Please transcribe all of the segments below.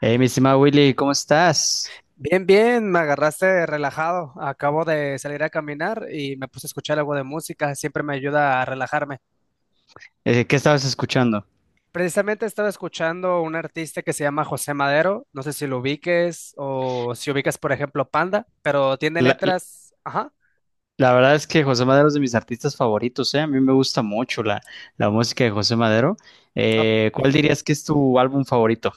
Hey, mi estimado Willy, ¿cómo estás? Bien, bien, me agarraste relajado. Acabo de salir a caminar y me puse a escuchar algo de música. Siempre me ayuda a relajarme. ¿Qué estabas escuchando? Precisamente estaba escuchando un artista que se llama José Madero. No sé si lo ubiques o si ubicas, por ejemplo, Panda, pero tiene La, letras. Ajá. la verdad es que José Madero es de mis artistas favoritos, ¿eh? A mí me gusta mucho la música de José Madero. Ah, ¿Cuál dirías que es tu álbum favorito?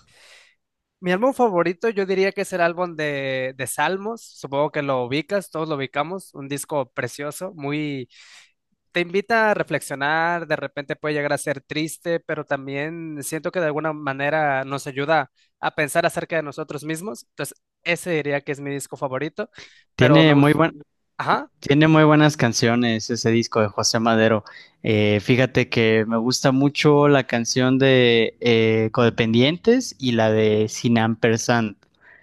mi álbum favorito yo diría que es el álbum de Salmos. Supongo que lo ubicas, todos lo ubicamos. Un disco precioso, muy te invita a reflexionar, de repente puede llegar a ser triste, pero también siento que de alguna manera nos ayuda a pensar acerca de nosotros mismos. Entonces, ese diría que es mi disco favorito, pero me Tiene muy gusta. buen, Tiene muy buenas canciones ese disco de José Madero. Fíjate que me gusta mucho la canción de Codependientes y la de Sin Ampersand.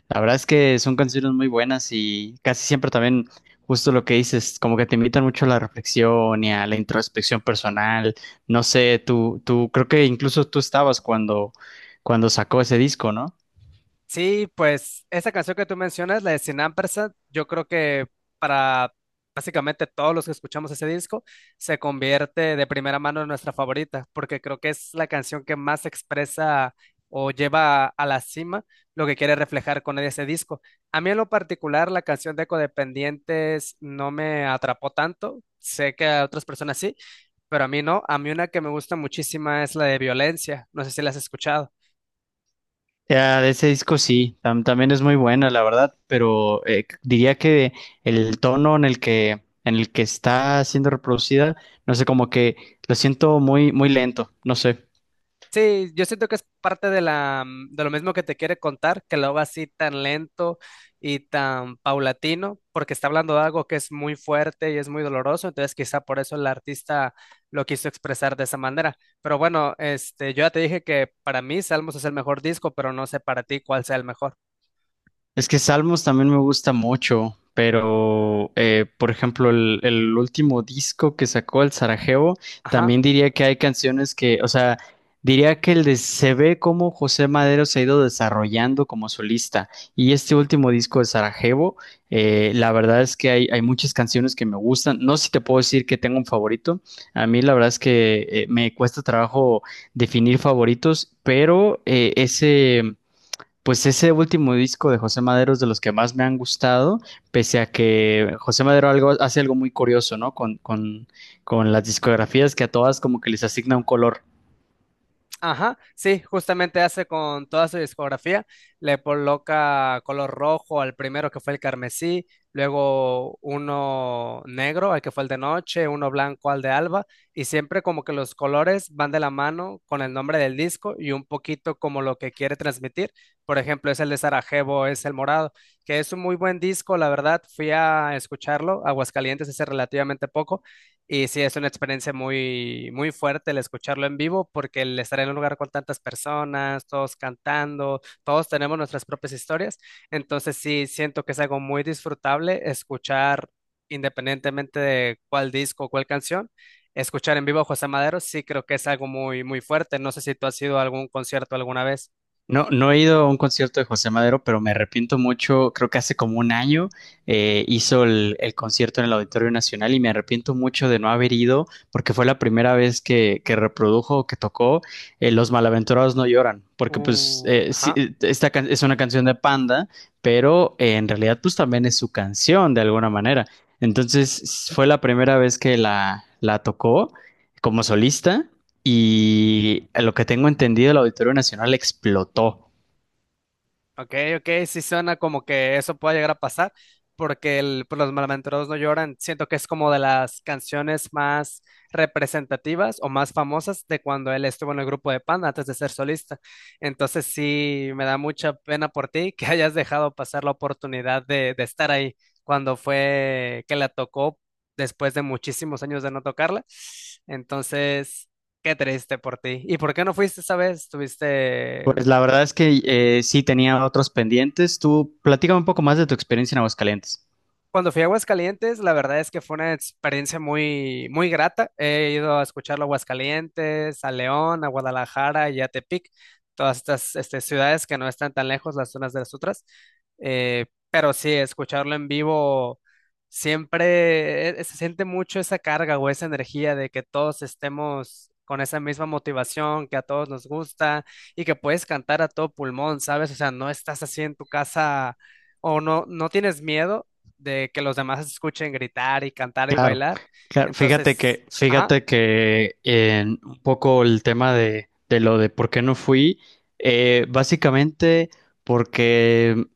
La verdad es que son canciones muy buenas y casi siempre también, justo lo que dices, como que te invitan mucho a la reflexión y a la introspección personal. No sé, tú, creo que incluso tú estabas cuando sacó ese disco, ¿no? Sí, pues esa canción que tú mencionas, la de Sin Ampersand, yo creo que para básicamente todos los que escuchamos ese disco, se convierte de primera mano en nuestra favorita, porque creo que es la canción que más expresa o lleva a la cima lo que quiere reflejar con ese disco. A mí en lo particular, la canción de Codependientes no me atrapó tanto, sé que a otras personas sí, pero a mí no. A mí una que me gusta muchísima es la de Violencia, no sé si la has escuchado. Ya, de ese disco sí, también es muy buena, la verdad, pero diría que el tono en el que está siendo reproducida, no sé, como que lo siento muy, muy lento, no sé. Sí, yo siento que es parte de lo mismo que te quiere contar, que lo haga así tan lento y tan paulatino, porque está hablando de algo que es muy fuerte y es muy doloroso, entonces quizá por eso el artista lo quiso expresar de esa manera. Pero bueno, yo ya te dije que para mí Salmos es el mejor disco, pero no sé para ti cuál sea el mejor. Es que Salmos también me gusta mucho, pero por ejemplo, el último disco que sacó el Sarajevo, Ajá. también diría que hay canciones que, o sea, diría que el de, se ve cómo José Madero se ha ido desarrollando como solista. Y este último disco de Sarajevo, la verdad es que hay muchas canciones que me gustan. No sé si te puedo decir que tengo un favorito. A mí la verdad es que me cuesta trabajo definir favoritos, pero ese. Pues ese último disco de José Madero es de los que más me han gustado, pese a que José Madero hace algo muy curioso, ¿no? Con las discografías que a todas como que les asigna un color. Ajá, sí, justamente hace con toda su discografía, le coloca color rojo al primero que fue el carmesí, luego uno negro al que fue el de noche, uno blanco al de alba, y siempre como que los colores van de la mano con el nombre del disco y un poquito como lo que quiere transmitir. Por ejemplo, es el de Sarajevo, es el morado, que es un muy buen disco, la verdad, fui a escucharlo, a Aguascalientes hace relativamente poco, y sí, es una experiencia muy, muy fuerte el escucharlo en vivo, porque el estar en un lugar con tantas personas, todos cantando, todos tenemos nuestras propias historias. Entonces sí, siento que es algo muy disfrutable escuchar, independientemente de cuál disco o cuál canción, escuchar en vivo a José Madero, sí creo que es algo muy, muy fuerte. No sé si tú has ido a algún concierto alguna vez. No, no he ido a un concierto de José Madero, pero me arrepiento mucho. Creo que hace como un año hizo el concierto en el Auditorio Nacional y me arrepiento mucho de no haber ido porque fue la primera vez que reprodujo, que tocó Los Malaventurados No Lloran, porque pues eh, sí, Ajá. eh, esta es una canción de Panda, pero en realidad pues también es su canción de alguna manera. Entonces fue la primera vez que la tocó como solista y a lo que tengo entendido, el Auditorio Nacional explotó. Ok, ok, sí suena como que eso pueda llegar a pasar, porque pues, los malaventurados no lloran. Siento que es como de las canciones más representativas o más famosas de cuando él estuvo en el grupo de Panda antes de ser solista. Entonces sí, me da mucha pena por ti que hayas dejado pasar la oportunidad de estar ahí cuando fue que la tocó después de muchísimos años de no tocarla. Entonces, qué triste por ti. ¿Y por qué no fuiste esa vez? ¿Tuviste? Pues la verdad es que sí tenía otros pendientes. Tú platícame un poco más de tu experiencia en Aguascalientes. Cuando fui a Aguascalientes, la verdad es que fue una experiencia muy, muy grata. He ido a escucharlo a Aguascalientes, a León, a Guadalajara y a Tepic, todas estas ciudades que no están tan lejos las unas de las otras. Pero sí, escucharlo en vivo siempre se siente mucho esa carga o esa energía de que todos estemos con esa misma motivación, que a todos nos gusta y que puedes cantar a todo pulmón, ¿sabes? O sea, no estás así en tu casa o no, no tienes miedo de que los demás escuchen gritar y cantar y Claro, bailar. claro. Entonces, ajá, Fíjate que en un poco el tema de lo de por qué no fui, básicamente porque,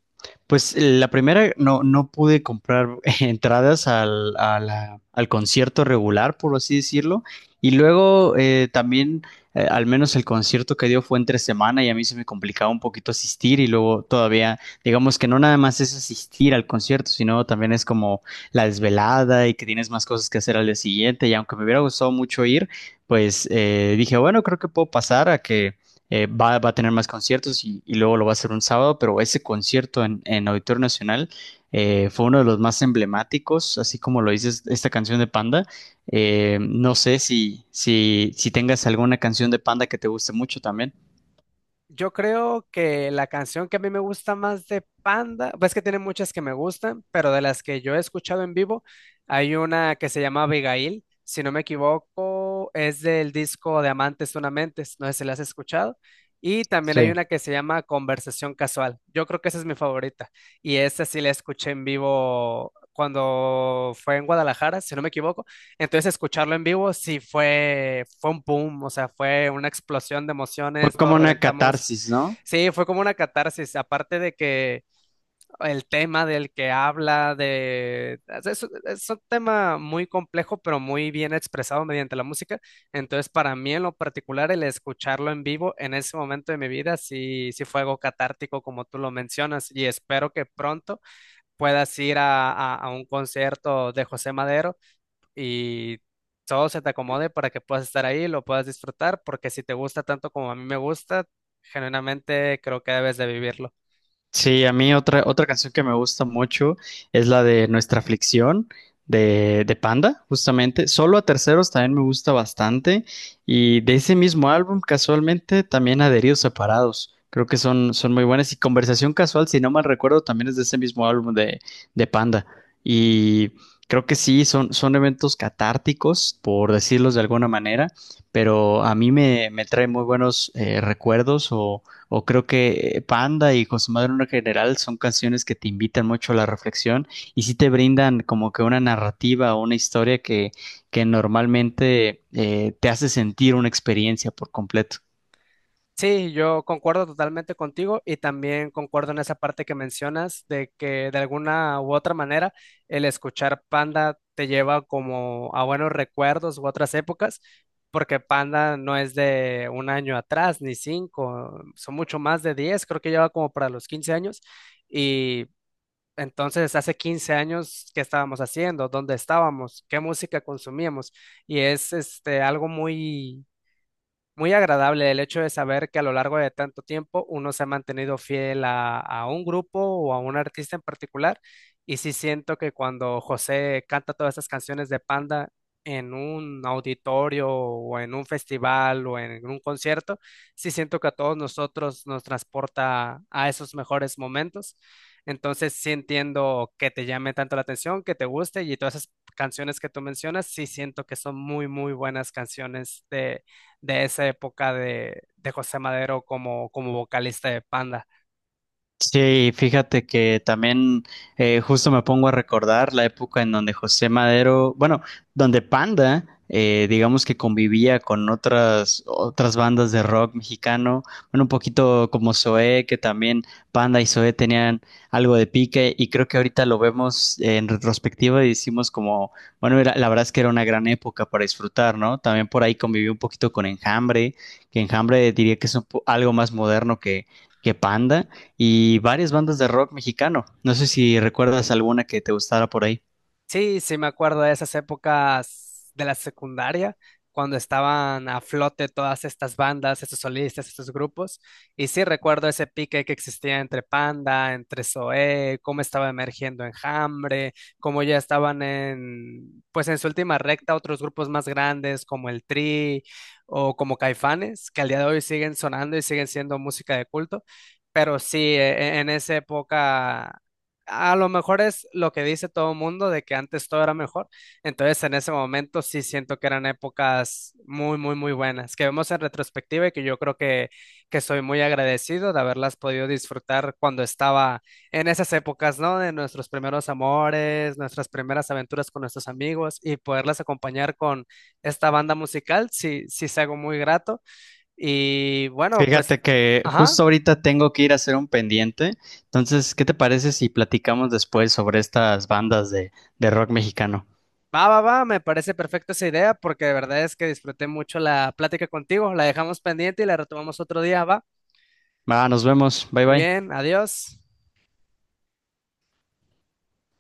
pues la primera no, no pude comprar entradas al concierto regular, por así decirlo, y luego al menos el concierto que dio fue entre semana y a mí se me complicaba un poquito asistir y luego todavía, digamos que no nada más es asistir al concierto, sino también es como la desvelada y que tienes más cosas que hacer al día siguiente. Y aunque me hubiera gustado mucho ir, pues dije, bueno, creo que puedo pasar a que va, va a tener más conciertos y luego lo va a hacer un sábado, pero ese concierto en Auditorio Nacional fue uno de los más emblemáticos, así como lo dices, esta canción de Panda. No sé si tengas alguna canción de Panda que te guste mucho también. yo creo que la canción que a mí me gusta más de Panda, pues que tiene muchas que me gustan, pero de las que yo he escuchado en vivo, hay una que se llama Abigail, si no me equivoco, es del disco de Amantes Tunamentes, no sé si la has escuchado. Y también hay Sí. una que se llama Conversación Casual. Yo creo que esa es mi favorita. Y esa sí la escuché en vivo cuando fue en Guadalajara, si no me equivoco. Entonces escucharlo en vivo sí fue un boom, o sea, fue una explosión de Fue emociones, todos como una reventamos. catarsis, ¿no? Sí, fue como una catarsis, aparte de que el tema del que habla, de. Es un tema muy complejo, pero muy bien expresado mediante la música. Entonces, para mí en lo particular, el escucharlo en vivo en ese momento de mi vida sí, sí fue algo catártico, como tú lo mencionas, y espero que pronto puedas ir a un concierto de José Madero y todo se te acomode para que puedas estar ahí, lo puedas disfrutar, porque si te gusta tanto como a mí me gusta, genuinamente creo que debes de vivirlo. Sí, a mí otra canción que me gusta mucho es la de Nuestra Aflicción de Panda, justamente. Solo a terceros también me gusta bastante. Y de ese mismo álbum, casualmente, también Adheridos Separados. Creo que son muy buenas. Y Conversación Casual, si no mal recuerdo, también es de ese mismo álbum de Panda. Y creo que sí, son eventos catárticos, por decirlos de alguna manera, pero a mí me trae muy buenos recuerdos o creo que Panda y con su en general son canciones que te invitan mucho a la reflexión y sí te brindan como que una narrativa o una historia que normalmente te hace sentir una experiencia por completo. Sí, yo concuerdo totalmente contigo y también concuerdo en esa parte que mencionas de que de alguna u otra manera el escuchar Panda te lleva como a buenos recuerdos u otras épocas, porque Panda no es de un año atrás ni cinco, son mucho más de diez, creo que lleva como para los 15 años y. Entonces, hace 15 años, ¿qué estábamos haciendo? ¿Dónde estábamos? ¿Qué música consumíamos? Y es algo muy muy agradable el hecho de saber que a lo largo de tanto tiempo uno se ha mantenido fiel a un grupo o a un artista en particular. Y sí siento que cuando José canta todas esas canciones de Panda en un auditorio o en un festival o en un concierto, sí siento que a todos nosotros nos transporta a esos mejores momentos. Entonces sí entiendo que te llame tanto la atención, que te guste y todas esas canciones que tú mencionas, sí siento que son muy, muy buenas canciones de esa época de José Madero como vocalista de Panda. Sí, fíjate que también justo me pongo a recordar la época en donde José Madero, bueno, donde Panda, digamos que convivía con otras bandas de rock mexicano, bueno, un poquito como Zoé, que también Panda y Zoé tenían algo de pique y creo que ahorita lo vemos en retrospectiva y decimos como, bueno, la verdad es que era una gran época para disfrutar, ¿no? También por ahí conviví un poquito con Enjambre, que Enjambre diría que es un algo más moderno que Panda y varias bandas de rock mexicano. No sé si recuerdas alguna que te gustara por ahí. Sí, sí me acuerdo de esas épocas de la secundaria, cuando estaban a flote todas estas bandas, estos solistas, estos grupos. Y sí recuerdo ese pique que existía entre Panda, entre Zoé, cómo estaba emergiendo Enjambre, cómo ya estaban pues en su última recta otros grupos más grandes como el Tri o como Caifanes, que al día de hoy siguen sonando y siguen siendo música de culto. Pero sí, en esa época a lo mejor es lo que dice todo el mundo de que antes todo era mejor. Entonces, en ese momento sí siento que eran épocas muy, muy, muy buenas, que vemos en retrospectiva y que yo creo que soy muy agradecido de haberlas podido disfrutar cuando estaba en esas épocas, ¿no? De nuestros primeros amores, nuestras primeras aventuras con nuestros amigos y poderlas acompañar con esta banda musical, sí, sí es algo muy grato. Y bueno, pues, Fíjate que ajá. justo ahorita tengo que ir a hacer un pendiente. Entonces, ¿qué te parece si platicamos después sobre estas bandas de rock mexicano? Va, va, va, me parece perfecta esa idea porque de verdad es que disfruté mucho la plática contigo. La dejamos pendiente y la retomamos otro día, va. Va, nos vemos. Bye Muy bye. bien, adiós.